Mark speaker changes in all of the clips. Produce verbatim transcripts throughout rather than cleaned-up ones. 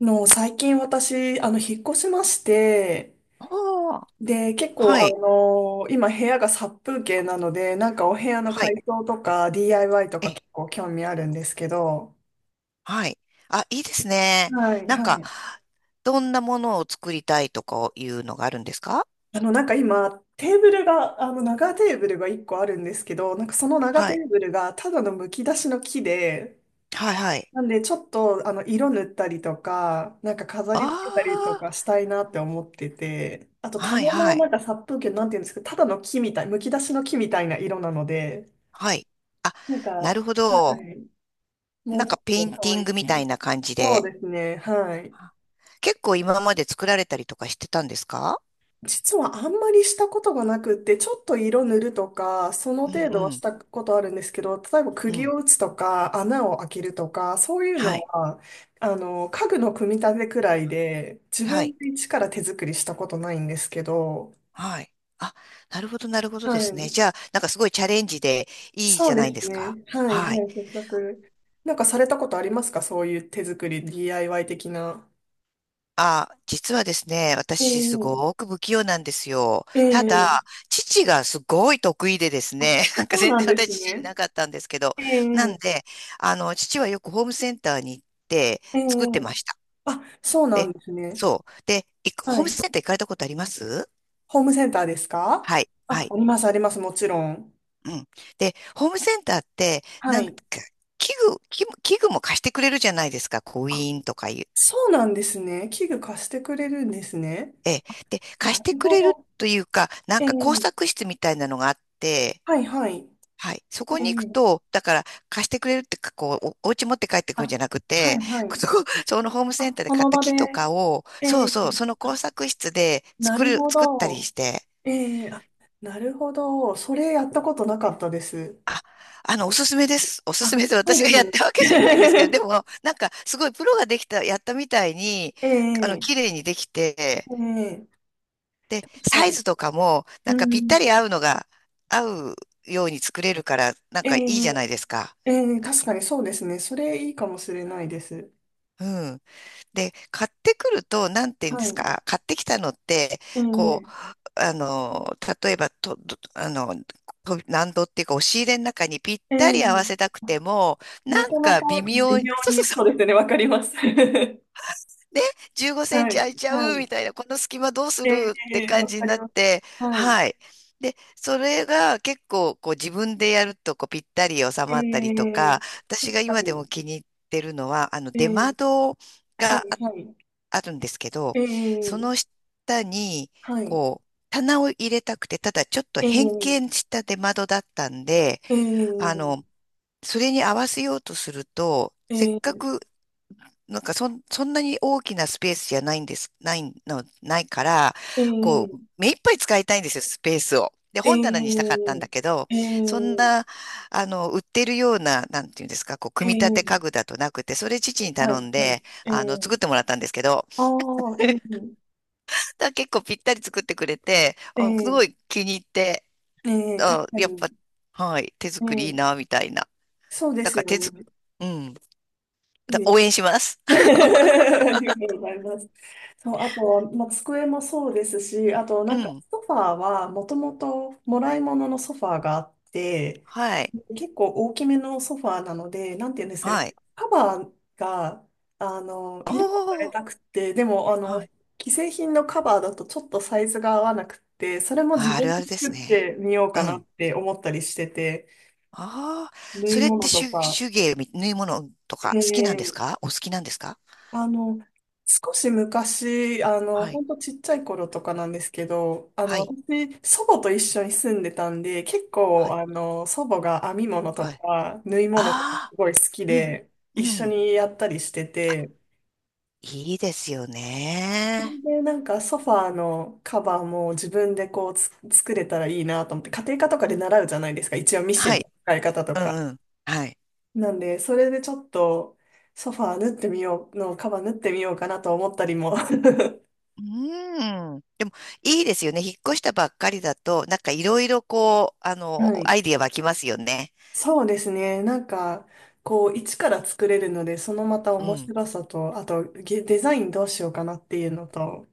Speaker 1: の、最近私、あの、引っ越しまして、
Speaker 2: ああ、
Speaker 1: で、結
Speaker 2: は
Speaker 1: 構、あ
Speaker 2: い、
Speaker 1: の、今部屋が殺風景なので、なんかお部屋の
Speaker 2: はい、
Speaker 1: 改装とか ディーアイワイ とか
Speaker 2: え、
Speaker 1: 結構興味あるんですけど、
Speaker 2: はい。あ、いいですね。
Speaker 1: はい、
Speaker 2: なん
Speaker 1: は
Speaker 2: か、
Speaker 1: い。
Speaker 2: どんなものを作りたいとかいうのがあるんですか？
Speaker 1: あの、なんか今、テーブルが、あの、長テーブルがいっこあるんですけど、なんかその長
Speaker 2: は
Speaker 1: テ
Speaker 2: い、
Speaker 1: ーブルがただのむき出しの木で、
Speaker 2: はい、はい。
Speaker 1: なんで、ちょっと、あの、色塗ったりとか、なんか飾り付けたりと
Speaker 2: あ
Speaker 1: かしたいなって思ってて、あと、
Speaker 2: あ、はい、
Speaker 1: 棚
Speaker 2: は
Speaker 1: もな
Speaker 2: い、
Speaker 1: んか殺風景、なんていうんですか、ただの木みたい、むき出しの木みたいな色なので、
Speaker 2: はい。あ、
Speaker 1: なんか、
Speaker 2: な
Speaker 1: は
Speaker 2: るほど。
Speaker 1: い、も
Speaker 2: な
Speaker 1: う
Speaker 2: ん
Speaker 1: ちょ
Speaker 2: か
Speaker 1: っ
Speaker 2: ペイ
Speaker 1: と
Speaker 2: ン
Speaker 1: 可
Speaker 2: ティ
Speaker 1: 愛
Speaker 2: ングみたい
Speaker 1: く。
Speaker 2: な感じ
Speaker 1: そう
Speaker 2: で。
Speaker 1: ですね、はい。
Speaker 2: 結構今まで作られたりとかしてたんですか？
Speaker 1: 実はあんまりしたことがなくって、ちょっと色塗るとか、その
Speaker 2: う
Speaker 1: 程
Speaker 2: ん
Speaker 1: 度は
Speaker 2: う
Speaker 1: し
Speaker 2: ん、
Speaker 1: たことあるんですけど、例えば
Speaker 2: う
Speaker 1: 釘
Speaker 2: ん。
Speaker 1: を打つとか、穴を開けるとか、そういう
Speaker 2: は
Speaker 1: の
Speaker 2: い、
Speaker 1: は、あの、家具の組み立てくらいで、自
Speaker 2: は
Speaker 1: 分
Speaker 2: い、
Speaker 1: で一から手作りしたことないんですけど、
Speaker 2: はい。あ、なるほど、なるほどで
Speaker 1: は
Speaker 2: すね。
Speaker 1: い。
Speaker 2: じゃあ、なんかすごいチャレンジでいい
Speaker 1: そ
Speaker 2: じ
Speaker 1: う
Speaker 2: ゃない
Speaker 1: で
Speaker 2: で
Speaker 1: す
Speaker 2: すか。
Speaker 1: ね。はい、は
Speaker 2: はい。
Speaker 1: い、せっなんかされたことありますか？そういう手作り、ディーアイワイ 的な。
Speaker 2: あ、実はですね、
Speaker 1: え
Speaker 2: 私す
Speaker 1: え、
Speaker 2: ごく不器用なんですよ。
Speaker 1: え
Speaker 2: ただ、
Speaker 1: え、
Speaker 2: 父がすごい得意でです
Speaker 1: あ、
Speaker 2: ね、なんか
Speaker 1: そう
Speaker 2: 全
Speaker 1: なん
Speaker 2: 然
Speaker 1: です
Speaker 2: 私父い
Speaker 1: ね。
Speaker 2: なかったんですけど、
Speaker 1: え
Speaker 2: なん
Speaker 1: え、
Speaker 2: で、あの、父はよくホームセンターに行って
Speaker 1: え
Speaker 2: 作
Speaker 1: え、
Speaker 2: ってました。
Speaker 1: あ、そうな
Speaker 2: で、
Speaker 1: んですね。
Speaker 2: そう。で、いくホ
Speaker 1: は
Speaker 2: ーム
Speaker 1: い。
Speaker 2: センター行かれたことあります？
Speaker 1: ホームセンターですか？
Speaker 2: はい、は
Speaker 1: あ、
Speaker 2: い。
Speaker 1: あります、あります、もちろん。
Speaker 2: うん。で、ホームセンターって、
Speaker 1: は
Speaker 2: なんか、
Speaker 1: い。
Speaker 2: 器具、器具器具も貸してくれるじゃないですか。コ
Speaker 1: あ、
Speaker 2: インとかいう？
Speaker 1: そうなんですね。器具貸してくれるんですね。
Speaker 2: ええ。で、貸
Speaker 1: な
Speaker 2: し
Speaker 1: る
Speaker 2: てく
Speaker 1: ほ
Speaker 2: れる
Speaker 1: ど。
Speaker 2: というか、な
Speaker 1: え
Speaker 2: ん
Speaker 1: え、
Speaker 2: か工作室みたいなのがあって、
Speaker 1: はい、はい。
Speaker 2: はい。そこ
Speaker 1: え
Speaker 2: に行く
Speaker 1: え、
Speaker 2: と、だから貸してくれるってか、こう、お、お家持って帰ってくるんじ
Speaker 1: あ、
Speaker 2: ゃなく
Speaker 1: はい、
Speaker 2: て、
Speaker 1: は い。
Speaker 2: そこ、そのホームセン
Speaker 1: あ、
Speaker 2: ターで
Speaker 1: そ
Speaker 2: 買っ
Speaker 1: の
Speaker 2: た
Speaker 1: 場で、
Speaker 2: 木とかを、
Speaker 1: え
Speaker 2: そう
Speaker 1: え、
Speaker 2: そう、その工
Speaker 1: あ、
Speaker 2: 作室で
Speaker 1: な
Speaker 2: 作
Speaker 1: る
Speaker 2: る、
Speaker 1: ほ
Speaker 2: 作ったり
Speaker 1: ど。
Speaker 2: して、
Speaker 1: ええ、あ、なるほど。それやったことなかったです。
Speaker 2: あ、あの、おすすめです。おすす
Speaker 1: あ、
Speaker 2: めで
Speaker 1: そう
Speaker 2: 私
Speaker 1: で
Speaker 2: が
Speaker 1: す
Speaker 2: やっ
Speaker 1: よ
Speaker 2: たわけじゃないんですけど、で
Speaker 1: ね。
Speaker 2: も、なんか、すごいプロができた、やったみたいに、あの、
Speaker 1: え
Speaker 2: 綺
Speaker 1: え、
Speaker 2: 麗にできて、
Speaker 1: ええ
Speaker 2: で、
Speaker 1: 確
Speaker 2: サ
Speaker 1: か
Speaker 2: イ
Speaker 1: に。
Speaker 2: ズとかも、なん
Speaker 1: う
Speaker 2: かぴった
Speaker 1: ん。
Speaker 2: り合うのが、合うように作れるから、なん
Speaker 1: え
Speaker 2: かい
Speaker 1: え、
Speaker 2: いじゃないですか。
Speaker 1: ええ確かにそうですね。それいいかもしれないです。
Speaker 2: うん。で、買ってくると、なんて言うん
Speaker 1: は
Speaker 2: です
Speaker 1: い。
Speaker 2: か、買ってきたのって、
Speaker 1: え
Speaker 2: こう、
Speaker 1: え、
Speaker 2: あの、例えばと、どあの、と難度っていうか、押し入れの中にぴっ
Speaker 1: え
Speaker 2: た
Speaker 1: え
Speaker 2: り合わせたく ても、
Speaker 1: な
Speaker 2: なん
Speaker 1: かなか
Speaker 2: か微
Speaker 1: 微
Speaker 2: 妙に、
Speaker 1: 妙
Speaker 2: そうそ
Speaker 1: に、そうで
Speaker 2: う
Speaker 1: すね、わかります。は
Speaker 2: で、じゅうごセンチ
Speaker 1: い、
Speaker 2: 空いちゃ
Speaker 1: は
Speaker 2: う
Speaker 1: い。
Speaker 2: みたいな、この隙間どうす
Speaker 1: え
Speaker 2: るって
Speaker 1: え、わ
Speaker 2: 感じ
Speaker 1: か
Speaker 2: に
Speaker 1: り
Speaker 2: なっ
Speaker 1: ます。
Speaker 2: て、
Speaker 1: はい。
Speaker 2: はい。で、それが結構こう自分でやるとこうぴったり収
Speaker 1: え
Speaker 2: まったりと
Speaker 1: え
Speaker 2: か、私が
Speaker 1: 確か
Speaker 2: 今でも
Speaker 1: に。
Speaker 2: 気に入ってるのは、あの
Speaker 1: え
Speaker 2: 出
Speaker 1: え、
Speaker 2: 窓
Speaker 1: は
Speaker 2: があ、
Speaker 1: い、はい。
Speaker 2: あるんですけど、
Speaker 1: え
Speaker 2: その
Speaker 1: え、
Speaker 2: 下に
Speaker 1: はい。
Speaker 2: こう棚を入れたくて、ただちょっと
Speaker 1: え
Speaker 2: 変
Speaker 1: え、
Speaker 2: 形した出窓だったんで、あ
Speaker 1: ええ、
Speaker 2: の、それに合わせようとすると、せっ
Speaker 1: え
Speaker 2: か
Speaker 1: え、
Speaker 2: くなんかそん、そんなに大きなスペースじゃないんです、ないの、ないから、
Speaker 1: え
Speaker 2: こう、
Speaker 1: え、
Speaker 2: 目いっぱい使いたいんですよ、スペースを。で、本棚にしたか
Speaker 1: ええ、
Speaker 2: ったんだけど、
Speaker 1: え
Speaker 2: そん
Speaker 1: え、
Speaker 2: な、あの、売ってるような、なんていうんですか、こう、
Speaker 1: え
Speaker 2: 組み立て家
Speaker 1: え、
Speaker 2: 具だとなくて、それ父に
Speaker 1: は
Speaker 2: 頼
Speaker 1: い、
Speaker 2: ん
Speaker 1: はい。
Speaker 2: で、
Speaker 1: え
Speaker 2: あの、
Speaker 1: え、
Speaker 2: 作ってもらったんですけど、
Speaker 1: ああ、ええ、
Speaker 2: だから結構ぴったり作ってくれて、あすご
Speaker 1: ええ、
Speaker 2: い気に入って、
Speaker 1: ええ確
Speaker 2: あ、
Speaker 1: か
Speaker 2: やっ
Speaker 1: に。
Speaker 2: ぱ、はい、手作りいい
Speaker 1: ええ、
Speaker 2: な、みたいな。
Speaker 1: そうで
Speaker 2: だ
Speaker 1: す
Speaker 2: から
Speaker 1: よ
Speaker 2: 手
Speaker 1: ね。
Speaker 2: 作、うん、
Speaker 1: い
Speaker 2: だ
Speaker 1: いです。
Speaker 2: 応援します。
Speaker 1: ありがとうございます。そう、あとは、まあ、机もそうですし、あと、
Speaker 2: う
Speaker 1: なんか、
Speaker 2: ん、
Speaker 1: ソファーは、もともと、もらい物のソファーがあって、
Speaker 2: はい、
Speaker 1: 結構大きめのソファーなので、なんていうんですかね、
Speaker 2: はい。
Speaker 1: カバーが、あの、色を変
Speaker 2: お
Speaker 1: え
Speaker 2: ー、
Speaker 1: たくて、でも、あの、
Speaker 2: はい。
Speaker 1: 既製品のカバーだとちょっとサイズが合わなくて、それも自
Speaker 2: あ、あ
Speaker 1: 分
Speaker 2: るあ
Speaker 1: で
Speaker 2: るです
Speaker 1: 作っ
Speaker 2: ね。
Speaker 1: てみよう
Speaker 2: う
Speaker 1: か
Speaker 2: ん。
Speaker 1: なっ
Speaker 2: あ
Speaker 1: て思ったりしてて、
Speaker 2: あ、
Speaker 1: 縫
Speaker 2: そ
Speaker 1: い
Speaker 2: れって
Speaker 1: 物と
Speaker 2: 手、
Speaker 1: か、
Speaker 2: 手芸み、縫い物とか好きなんです
Speaker 1: ええ、
Speaker 2: か？お好きなんですか？
Speaker 1: あの、少し昔、あの、
Speaker 2: はい。
Speaker 1: ほんとちっちゃい頃とかなんですけど、あ
Speaker 2: は
Speaker 1: の、
Speaker 2: い。
Speaker 1: 私、祖母と一緒に住んでたんで、結
Speaker 2: は
Speaker 1: 構、
Speaker 2: い。
Speaker 1: あの、祖母が編み物
Speaker 2: は
Speaker 1: と
Speaker 2: い。
Speaker 1: か、縫い物とかす
Speaker 2: ああ、
Speaker 1: ごい好き
Speaker 2: うん。
Speaker 1: で、
Speaker 2: う
Speaker 1: 一緒
Speaker 2: ん。
Speaker 1: にやったりして
Speaker 2: あ、
Speaker 1: て、
Speaker 2: いいですよね。
Speaker 1: で、なんかソファーのカバーも自分でこうつ作れたらいいなと思って、家庭科とかで習うじゃないですか、一応ミシ
Speaker 2: は
Speaker 1: ンの
Speaker 2: い。
Speaker 1: 使い方と
Speaker 2: う
Speaker 1: か。
Speaker 2: んうん。はい。
Speaker 1: なんで、それでちょっと、ソファー縫ってみようの、カバー縫ってみようかなと思ったりも。
Speaker 2: うーん。でも、いいですよね。引っ越したばっかりだと、なんかいろいろこう、あの、
Speaker 1: はい。
Speaker 2: アイディア湧きますよね。
Speaker 1: そうですね。なんか、こう、一から作れるので、そのまた
Speaker 2: う
Speaker 1: 面
Speaker 2: ん。
Speaker 1: 白さと、あと、ゲデザインどうしようかなっていうのと、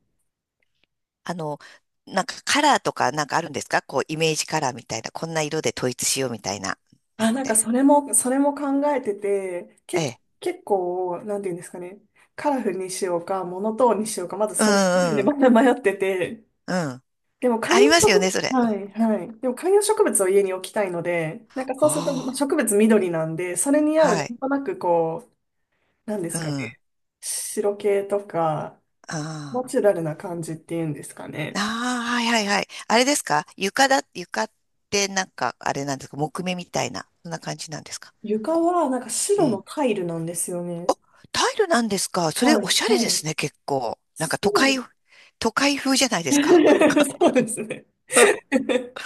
Speaker 2: あの、なんかカラーとかなんかあるんですか？こう、イメージカラーみたいな、こんな色で統一しようみたいなの
Speaker 1: あ、
Speaker 2: っ
Speaker 1: なんか
Speaker 2: て。
Speaker 1: それも、それも考えてて、
Speaker 2: え
Speaker 1: け、
Speaker 2: え。
Speaker 1: 結構、なんていうんですかね、カラフルにしようか、モノトーンにしようか、まず
Speaker 2: う
Speaker 1: その時点で
Speaker 2: んうん。
Speaker 1: また迷ってて、
Speaker 2: うん。
Speaker 1: でも観
Speaker 2: あ
Speaker 1: 葉
Speaker 2: りますよ
Speaker 1: 植
Speaker 2: ね、
Speaker 1: 物、
Speaker 2: それ。
Speaker 1: はい、はい。でも観葉植物を家に置きたいので、なんか
Speaker 2: お
Speaker 1: そ
Speaker 2: お
Speaker 1: うすると、まあ
Speaker 2: ー、
Speaker 1: 植物緑なんで、それに合う、な
Speaker 2: はい。
Speaker 1: んとなくこう、なんで
Speaker 2: う
Speaker 1: すか
Speaker 2: ん。あ
Speaker 1: ね、白系とか、
Speaker 2: あ。
Speaker 1: ナチュラルな感じっていうんですか
Speaker 2: あ
Speaker 1: ね。
Speaker 2: あ、はいはいはい。あれですか？床だ、床ってなんか、あれなんですか？木目みたいな、そんな感じなんですか？
Speaker 1: 床
Speaker 2: こ
Speaker 1: はなんか
Speaker 2: う。
Speaker 1: 白
Speaker 2: う
Speaker 1: の
Speaker 2: ん。
Speaker 1: タイルなんですよ
Speaker 2: お、
Speaker 1: ね。
Speaker 2: タイルなんですか？それ
Speaker 1: はい、
Speaker 2: おしゃれ
Speaker 1: は
Speaker 2: で
Speaker 1: い。
Speaker 2: すね、結構。なんか都
Speaker 1: そ
Speaker 2: 会、
Speaker 1: う。
Speaker 2: 都会風じゃない ですか。
Speaker 1: そうですね。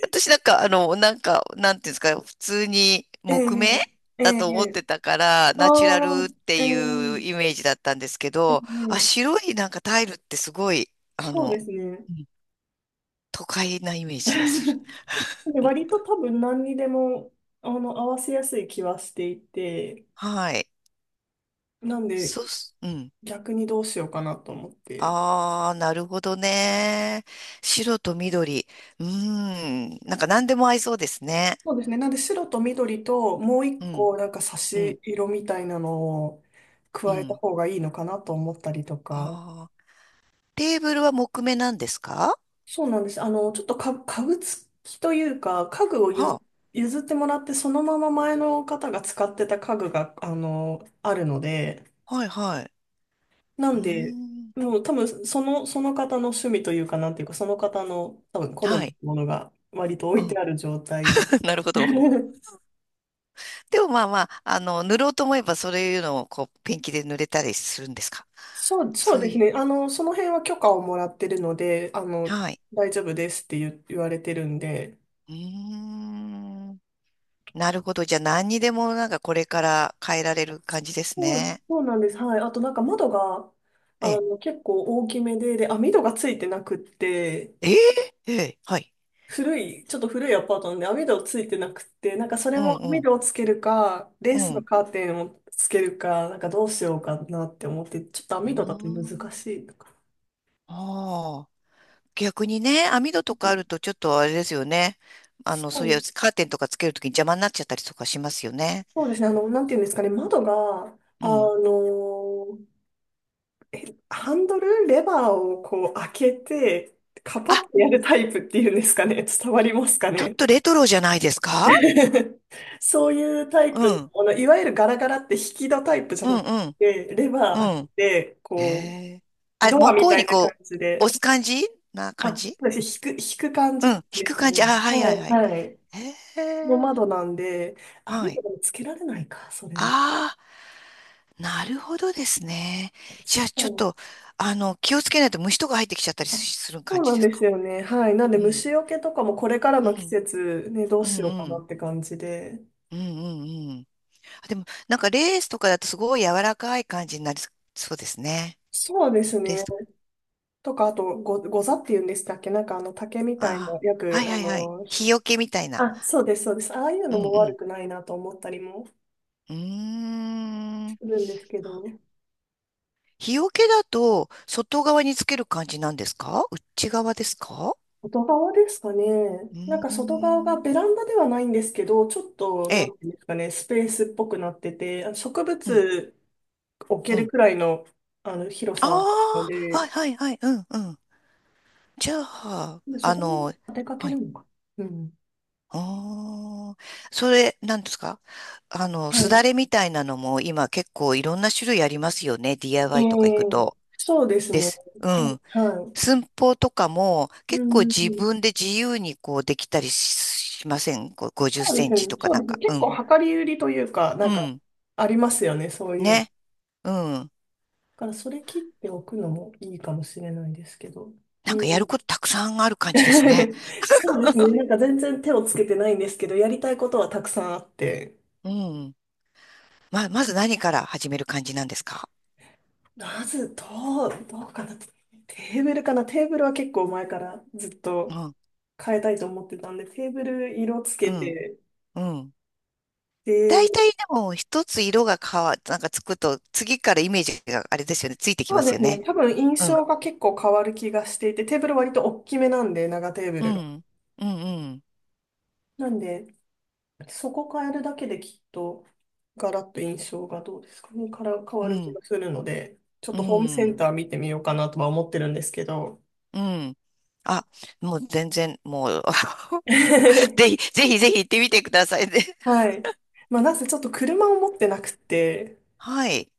Speaker 2: 私なんか、あの、なんか、なんていうんですか、普通に
Speaker 1: え
Speaker 2: 木目
Speaker 1: え、え
Speaker 2: だと思っ
Speaker 1: え、
Speaker 2: てたから、
Speaker 1: あ
Speaker 2: ナチュラル
Speaker 1: あ、
Speaker 2: って
Speaker 1: ええ、
Speaker 2: いうイメージだったんですけ
Speaker 1: え
Speaker 2: ど、あ、
Speaker 1: え、
Speaker 2: 白いなんかタイルってすごい、あ
Speaker 1: そう
Speaker 2: の、
Speaker 1: ですね。
Speaker 2: うん都会なイメー ジがする。
Speaker 1: で割と多分何にでも、あの、合わせやすい気はしていて、
Speaker 2: はい。
Speaker 1: なんで
Speaker 2: そうす、うん。
Speaker 1: 逆にどうしようかなと思って。
Speaker 2: ああ、なるほどね。白と緑。うーん。なんか何でも合いそうですね。
Speaker 1: そうですね。なんで白と緑ともう
Speaker 2: う
Speaker 1: 一
Speaker 2: ん、
Speaker 1: 個なんか差
Speaker 2: うん、
Speaker 1: し色みたいなのを
Speaker 2: う
Speaker 1: 加えた
Speaker 2: ん。
Speaker 1: 方がいいのかなと思ったりとか。
Speaker 2: ああ、テーブルは木目なんですか？
Speaker 1: そうなんです。あの、ちょっとか家具付きというか、家具を譲、
Speaker 2: は
Speaker 1: 譲ってもらって、そのまま前の方が使ってた家具が、あの、あるので、
Speaker 2: あ、はい、はい。
Speaker 1: な
Speaker 2: うー
Speaker 1: んで、
Speaker 2: ん。
Speaker 1: もう多分その、その方の趣味というか、なんていうか、その方の多分好
Speaker 2: は
Speaker 1: みの
Speaker 2: い。
Speaker 1: ものが割と置
Speaker 2: う
Speaker 1: い
Speaker 2: ん。
Speaker 1: てある状態で。
Speaker 2: なるほど。でもまあまあ、あの、塗ろうと思えばそういうのをこう、ペンキで塗れたりするんですか？
Speaker 1: そう、そう
Speaker 2: そう
Speaker 1: です
Speaker 2: いう。
Speaker 1: ね。あの、その辺は許可をもらってるので、あの、
Speaker 2: はい。
Speaker 1: 大丈夫ですって言言われてるんで。
Speaker 2: うーん。なるほど。じゃあ何にでもなんかこれから変えられる感じです
Speaker 1: そう、
Speaker 2: ね。
Speaker 1: そうなんです。はい。あとなんか窓が、あ
Speaker 2: ええ。
Speaker 1: の、結構大きめで、で、網戸がついてなくって、
Speaker 2: ええ。ええ。はい。
Speaker 1: 古い、ちょっと古いアパートなんで網戸ついてなくって、なんかそれ
Speaker 2: うん
Speaker 1: も
Speaker 2: う
Speaker 1: 網
Speaker 2: ん。
Speaker 1: 戸をつけるか、レー
Speaker 2: う
Speaker 1: スの
Speaker 2: ん。
Speaker 1: カーテンをつけるか、なんかどうしようかなって思って、ちょっと
Speaker 2: う
Speaker 1: 網戸だと
Speaker 2: ー
Speaker 1: 難
Speaker 2: ん。
Speaker 1: しいとか。
Speaker 2: ああ。逆にね、網戸
Speaker 1: う
Speaker 2: とかあ
Speaker 1: ん、
Speaker 2: るとちょっとあれですよね。あの、
Speaker 1: そ
Speaker 2: そういう
Speaker 1: う、
Speaker 2: カーテンとかつけるときに邪魔になっちゃったりとかしますよね。
Speaker 1: そうですね。あの、なんていうんですかね。窓が、あ
Speaker 2: うん。
Speaker 1: のハンドル、レバーをこう開けて、カパ
Speaker 2: あ、
Speaker 1: ッとやるタイプっていうんですかね。伝わりますか
Speaker 2: ちょっ
Speaker 1: ね。
Speaker 2: とレトロじゃないですか？
Speaker 1: そういうタイ
Speaker 2: う
Speaker 1: プ
Speaker 2: ん、
Speaker 1: の、あの、いわゆるガラガラって引き戸タイプじゃ
Speaker 2: うん、
Speaker 1: なく
Speaker 2: うん、
Speaker 1: て、レバー開
Speaker 2: う
Speaker 1: け
Speaker 2: ん。
Speaker 1: て、
Speaker 2: へ
Speaker 1: こ
Speaker 2: え。
Speaker 1: う、
Speaker 2: あ、
Speaker 1: ドア
Speaker 2: 向
Speaker 1: み
Speaker 2: こう
Speaker 1: たい
Speaker 2: に
Speaker 1: な感
Speaker 2: こ
Speaker 1: じ
Speaker 2: う、
Speaker 1: で、
Speaker 2: 押す感じな
Speaker 1: あ、
Speaker 2: 感
Speaker 1: そ
Speaker 2: じ、
Speaker 1: うですね、引く、引く感
Speaker 2: う
Speaker 1: じ
Speaker 2: ん、引
Speaker 1: です
Speaker 2: く
Speaker 1: か
Speaker 2: 感じ。あ、
Speaker 1: ね。
Speaker 2: は
Speaker 1: う
Speaker 2: いはい
Speaker 1: ん、
Speaker 2: はい。
Speaker 1: はい。
Speaker 2: へ
Speaker 1: の
Speaker 2: え。
Speaker 1: 窓なんで、
Speaker 2: は
Speaker 1: 網
Speaker 2: い。
Speaker 1: とかもつけられないか、それだっ
Speaker 2: ああ、なるほどですね。
Speaker 1: たら。
Speaker 2: じゃあちょっ
Speaker 1: そう、
Speaker 2: と、あの、気をつけないと虫とか入ってきちゃったり
Speaker 1: あ、
Speaker 2: する
Speaker 1: そ
Speaker 2: 感
Speaker 1: う
Speaker 2: じ
Speaker 1: なん
Speaker 2: です
Speaker 1: で
Speaker 2: か？
Speaker 1: すよね。はい。なんで
Speaker 2: うん、
Speaker 1: 虫除けとかもこれから
Speaker 2: う
Speaker 1: の季
Speaker 2: ん、
Speaker 1: 節ね、どう
Speaker 2: うん、
Speaker 1: しようか
Speaker 2: う
Speaker 1: な
Speaker 2: ん、
Speaker 1: って感じで。
Speaker 2: うん、うんうん。あでも、なんかレースとかだとすごい柔らかい感じになりそうですね。
Speaker 1: そうです
Speaker 2: レー
Speaker 1: ね。
Speaker 2: スとか。
Speaker 1: とか、あと、ご、ござっていうんでしたっけ？なんかあの竹みたいな、
Speaker 2: あ
Speaker 1: よ
Speaker 2: あ、は
Speaker 1: く、
Speaker 2: い
Speaker 1: あ
Speaker 2: はいはい。
Speaker 1: の、
Speaker 2: 日よけみたいな。
Speaker 1: あ、そうです、そうです。ああいう
Speaker 2: う
Speaker 1: の
Speaker 2: ん
Speaker 1: も
Speaker 2: う
Speaker 1: 悪
Speaker 2: ん。
Speaker 1: くないなと思ったりも
Speaker 2: うーん。
Speaker 1: す
Speaker 2: あ、
Speaker 1: るんですけど。
Speaker 2: 日よけだと外側につける感じなんですか？内側ですか？
Speaker 1: 外側ですかね。
Speaker 2: う
Speaker 1: なん
Speaker 2: ー
Speaker 1: か外側が
Speaker 2: ん。
Speaker 1: ベランダではないんですけど、ちょっと、
Speaker 2: え
Speaker 1: な
Speaker 2: え。
Speaker 1: んていうんですかね、スペースっぽくなってて、あの植
Speaker 2: うん。
Speaker 1: 物置け
Speaker 2: う
Speaker 1: る
Speaker 2: ん。
Speaker 1: くらいの、あの広
Speaker 2: あ
Speaker 1: さはあるの
Speaker 2: あ、はい
Speaker 1: で、
Speaker 2: はいはい。うんうん。じゃあ、
Speaker 1: で、そ
Speaker 2: あ
Speaker 1: こに
Speaker 2: の、
Speaker 1: 当てかけ
Speaker 2: はい。
Speaker 1: るのか。うん。
Speaker 2: ああ、それ、なんですか？あの、
Speaker 1: は
Speaker 2: すだ
Speaker 1: い。
Speaker 2: れみたいなのも今結構いろんな種類ありますよね。
Speaker 1: う
Speaker 2: ディーアイワイ とか行く
Speaker 1: ん。
Speaker 2: と。
Speaker 1: そうです
Speaker 2: で
Speaker 1: ね。
Speaker 2: す。う
Speaker 1: はい。
Speaker 2: ん。
Speaker 1: は
Speaker 2: 寸法とかも
Speaker 1: い。う
Speaker 2: 結構自
Speaker 1: ん。
Speaker 2: 分で自由にこうできたりしません？こう50セ
Speaker 1: そうで
Speaker 2: ン
Speaker 1: す
Speaker 2: チ
Speaker 1: ね。
Speaker 2: とか
Speaker 1: そう
Speaker 2: なん
Speaker 1: ですね。
Speaker 2: か。う
Speaker 1: 結
Speaker 2: ん。
Speaker 1: 構量り売りというか、な
Speaker 2: う
Speaker 1: んか、
Speaker 2: ん。
Speaker 1: ありますよね。そういうの。だ
Speaker 2: ね。うん。
Speaker 1: から、それ切っておくのもいいかもしれないですけど。
Speaker 2: なん
Speaker 1: うん。
Speaker 2: かやることたくさんある感じですね。
Speaker 1: そうですね。なんか全然手をつけてないんですけど、やりたいことはたくさんあって。
Speaker 2: うん。ま、まず何から始める感じなんですか？
Speaker 1: まず、どう、どうかな。テーブルかな。テーブルは結構前からずっ
Speaker 2: う
Speaker 1: と
Speaker 2: ん。
Speaker 1: 変えたいと思ってたんで、テーブル色つ
Speaker 2: う
Speaker 1: け
Speaker 2: ん。
Speaker 1: て、
Speaker 2: うん。
Speaker 1: で、
Speaker 2: 大体でも一つ色が変わ、なんかつくと次からイメージがあれですよね。ついてき
Speaker 1: そ
Speaker 2: ま
Speaker 1: うで
Speaker 2: すよ
Speaker 1: すね、
Speaker 2: ね。
Speaker 1: 多分印
Speaker 2: うん。
Speaker 1: 象が結構変わる気がしていて、テーブル割と大きめなんで、長テーブ
Speaker 2: う
Speaker 1: ルが。
Speaker 2: ん。うん。
Speaker 1: なんで、そこ変えるだけできっと、ガラッと印象がどうですかね、から変
Speaker 2: う
Speaker 1: わ
Speaker 2: ん。
Speaker 1: る
Speaker 2: う
Speaker 1: 気
Speaker 2: ん。
Speaker 1: がするので、ちょっ
Speaker 2: う
Speaker 1: とホームセン
Speaker 2: ん。
Speaker 1: ター見てみようかなとは思ってるんですけど。
Speaker 2: うん。あ、もう全然、もう ぜひ、ぜひぜひ行ってみてくださいね。
Speaker 1: はい。まあ、なぜちょっと車を持ってなくて、
Speaker 2: はい。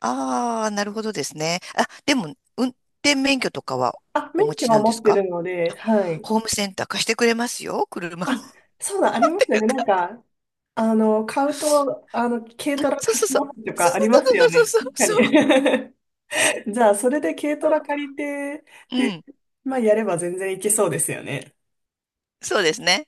Speaker 2: ああ、なるほどですね。あ、でも、運転免許とかは
Speaker 1: あ、
Speaker 2: お
Speaker 1: 免
Speaker 2: 持
Speaker 1: 許
Speaker 2: ち
Speaker 1: は
Speaker 2: なんで
Speaker 1: 持
Speaker 2: す
Speaker 1: って
Speaker 2: か？
Speaker 1: るので、
Speaker 2: あ、
Speaker 1: はい。
Speaker 2: ホームセンター貸してくれますよ、車も。
Speaker 1: あ、そうだ、ありますよね。なん か、あの、買うと、あの、軽トラ
Speaker 2: そう
Speaker 1: 貸
Speaker 2: そう
Speaker 1: し
Speaker 2: そう。
Speaker 1: ますと
Speaker 2: そ
Speaker 1: か
Speaker 2: う
Speaker 1: あ
Speaker 2: そ
Speaker 1: ります
Speaker 2: う
Speaker 1: よ
Speaker 2: そう
Speaker 1: ね。
Speaker 2: そう
Speaker 1: 確か
Speaker 2: そうそ
Speaker 1: に。じゃあ、それで軽トラ借りて、
Speaker 2: う。う
Speaker 1: で、
Speaker 2: ん。
Speaker 1: まあ、やれば全然いけそうですよね。
Speaker 2: そうですね。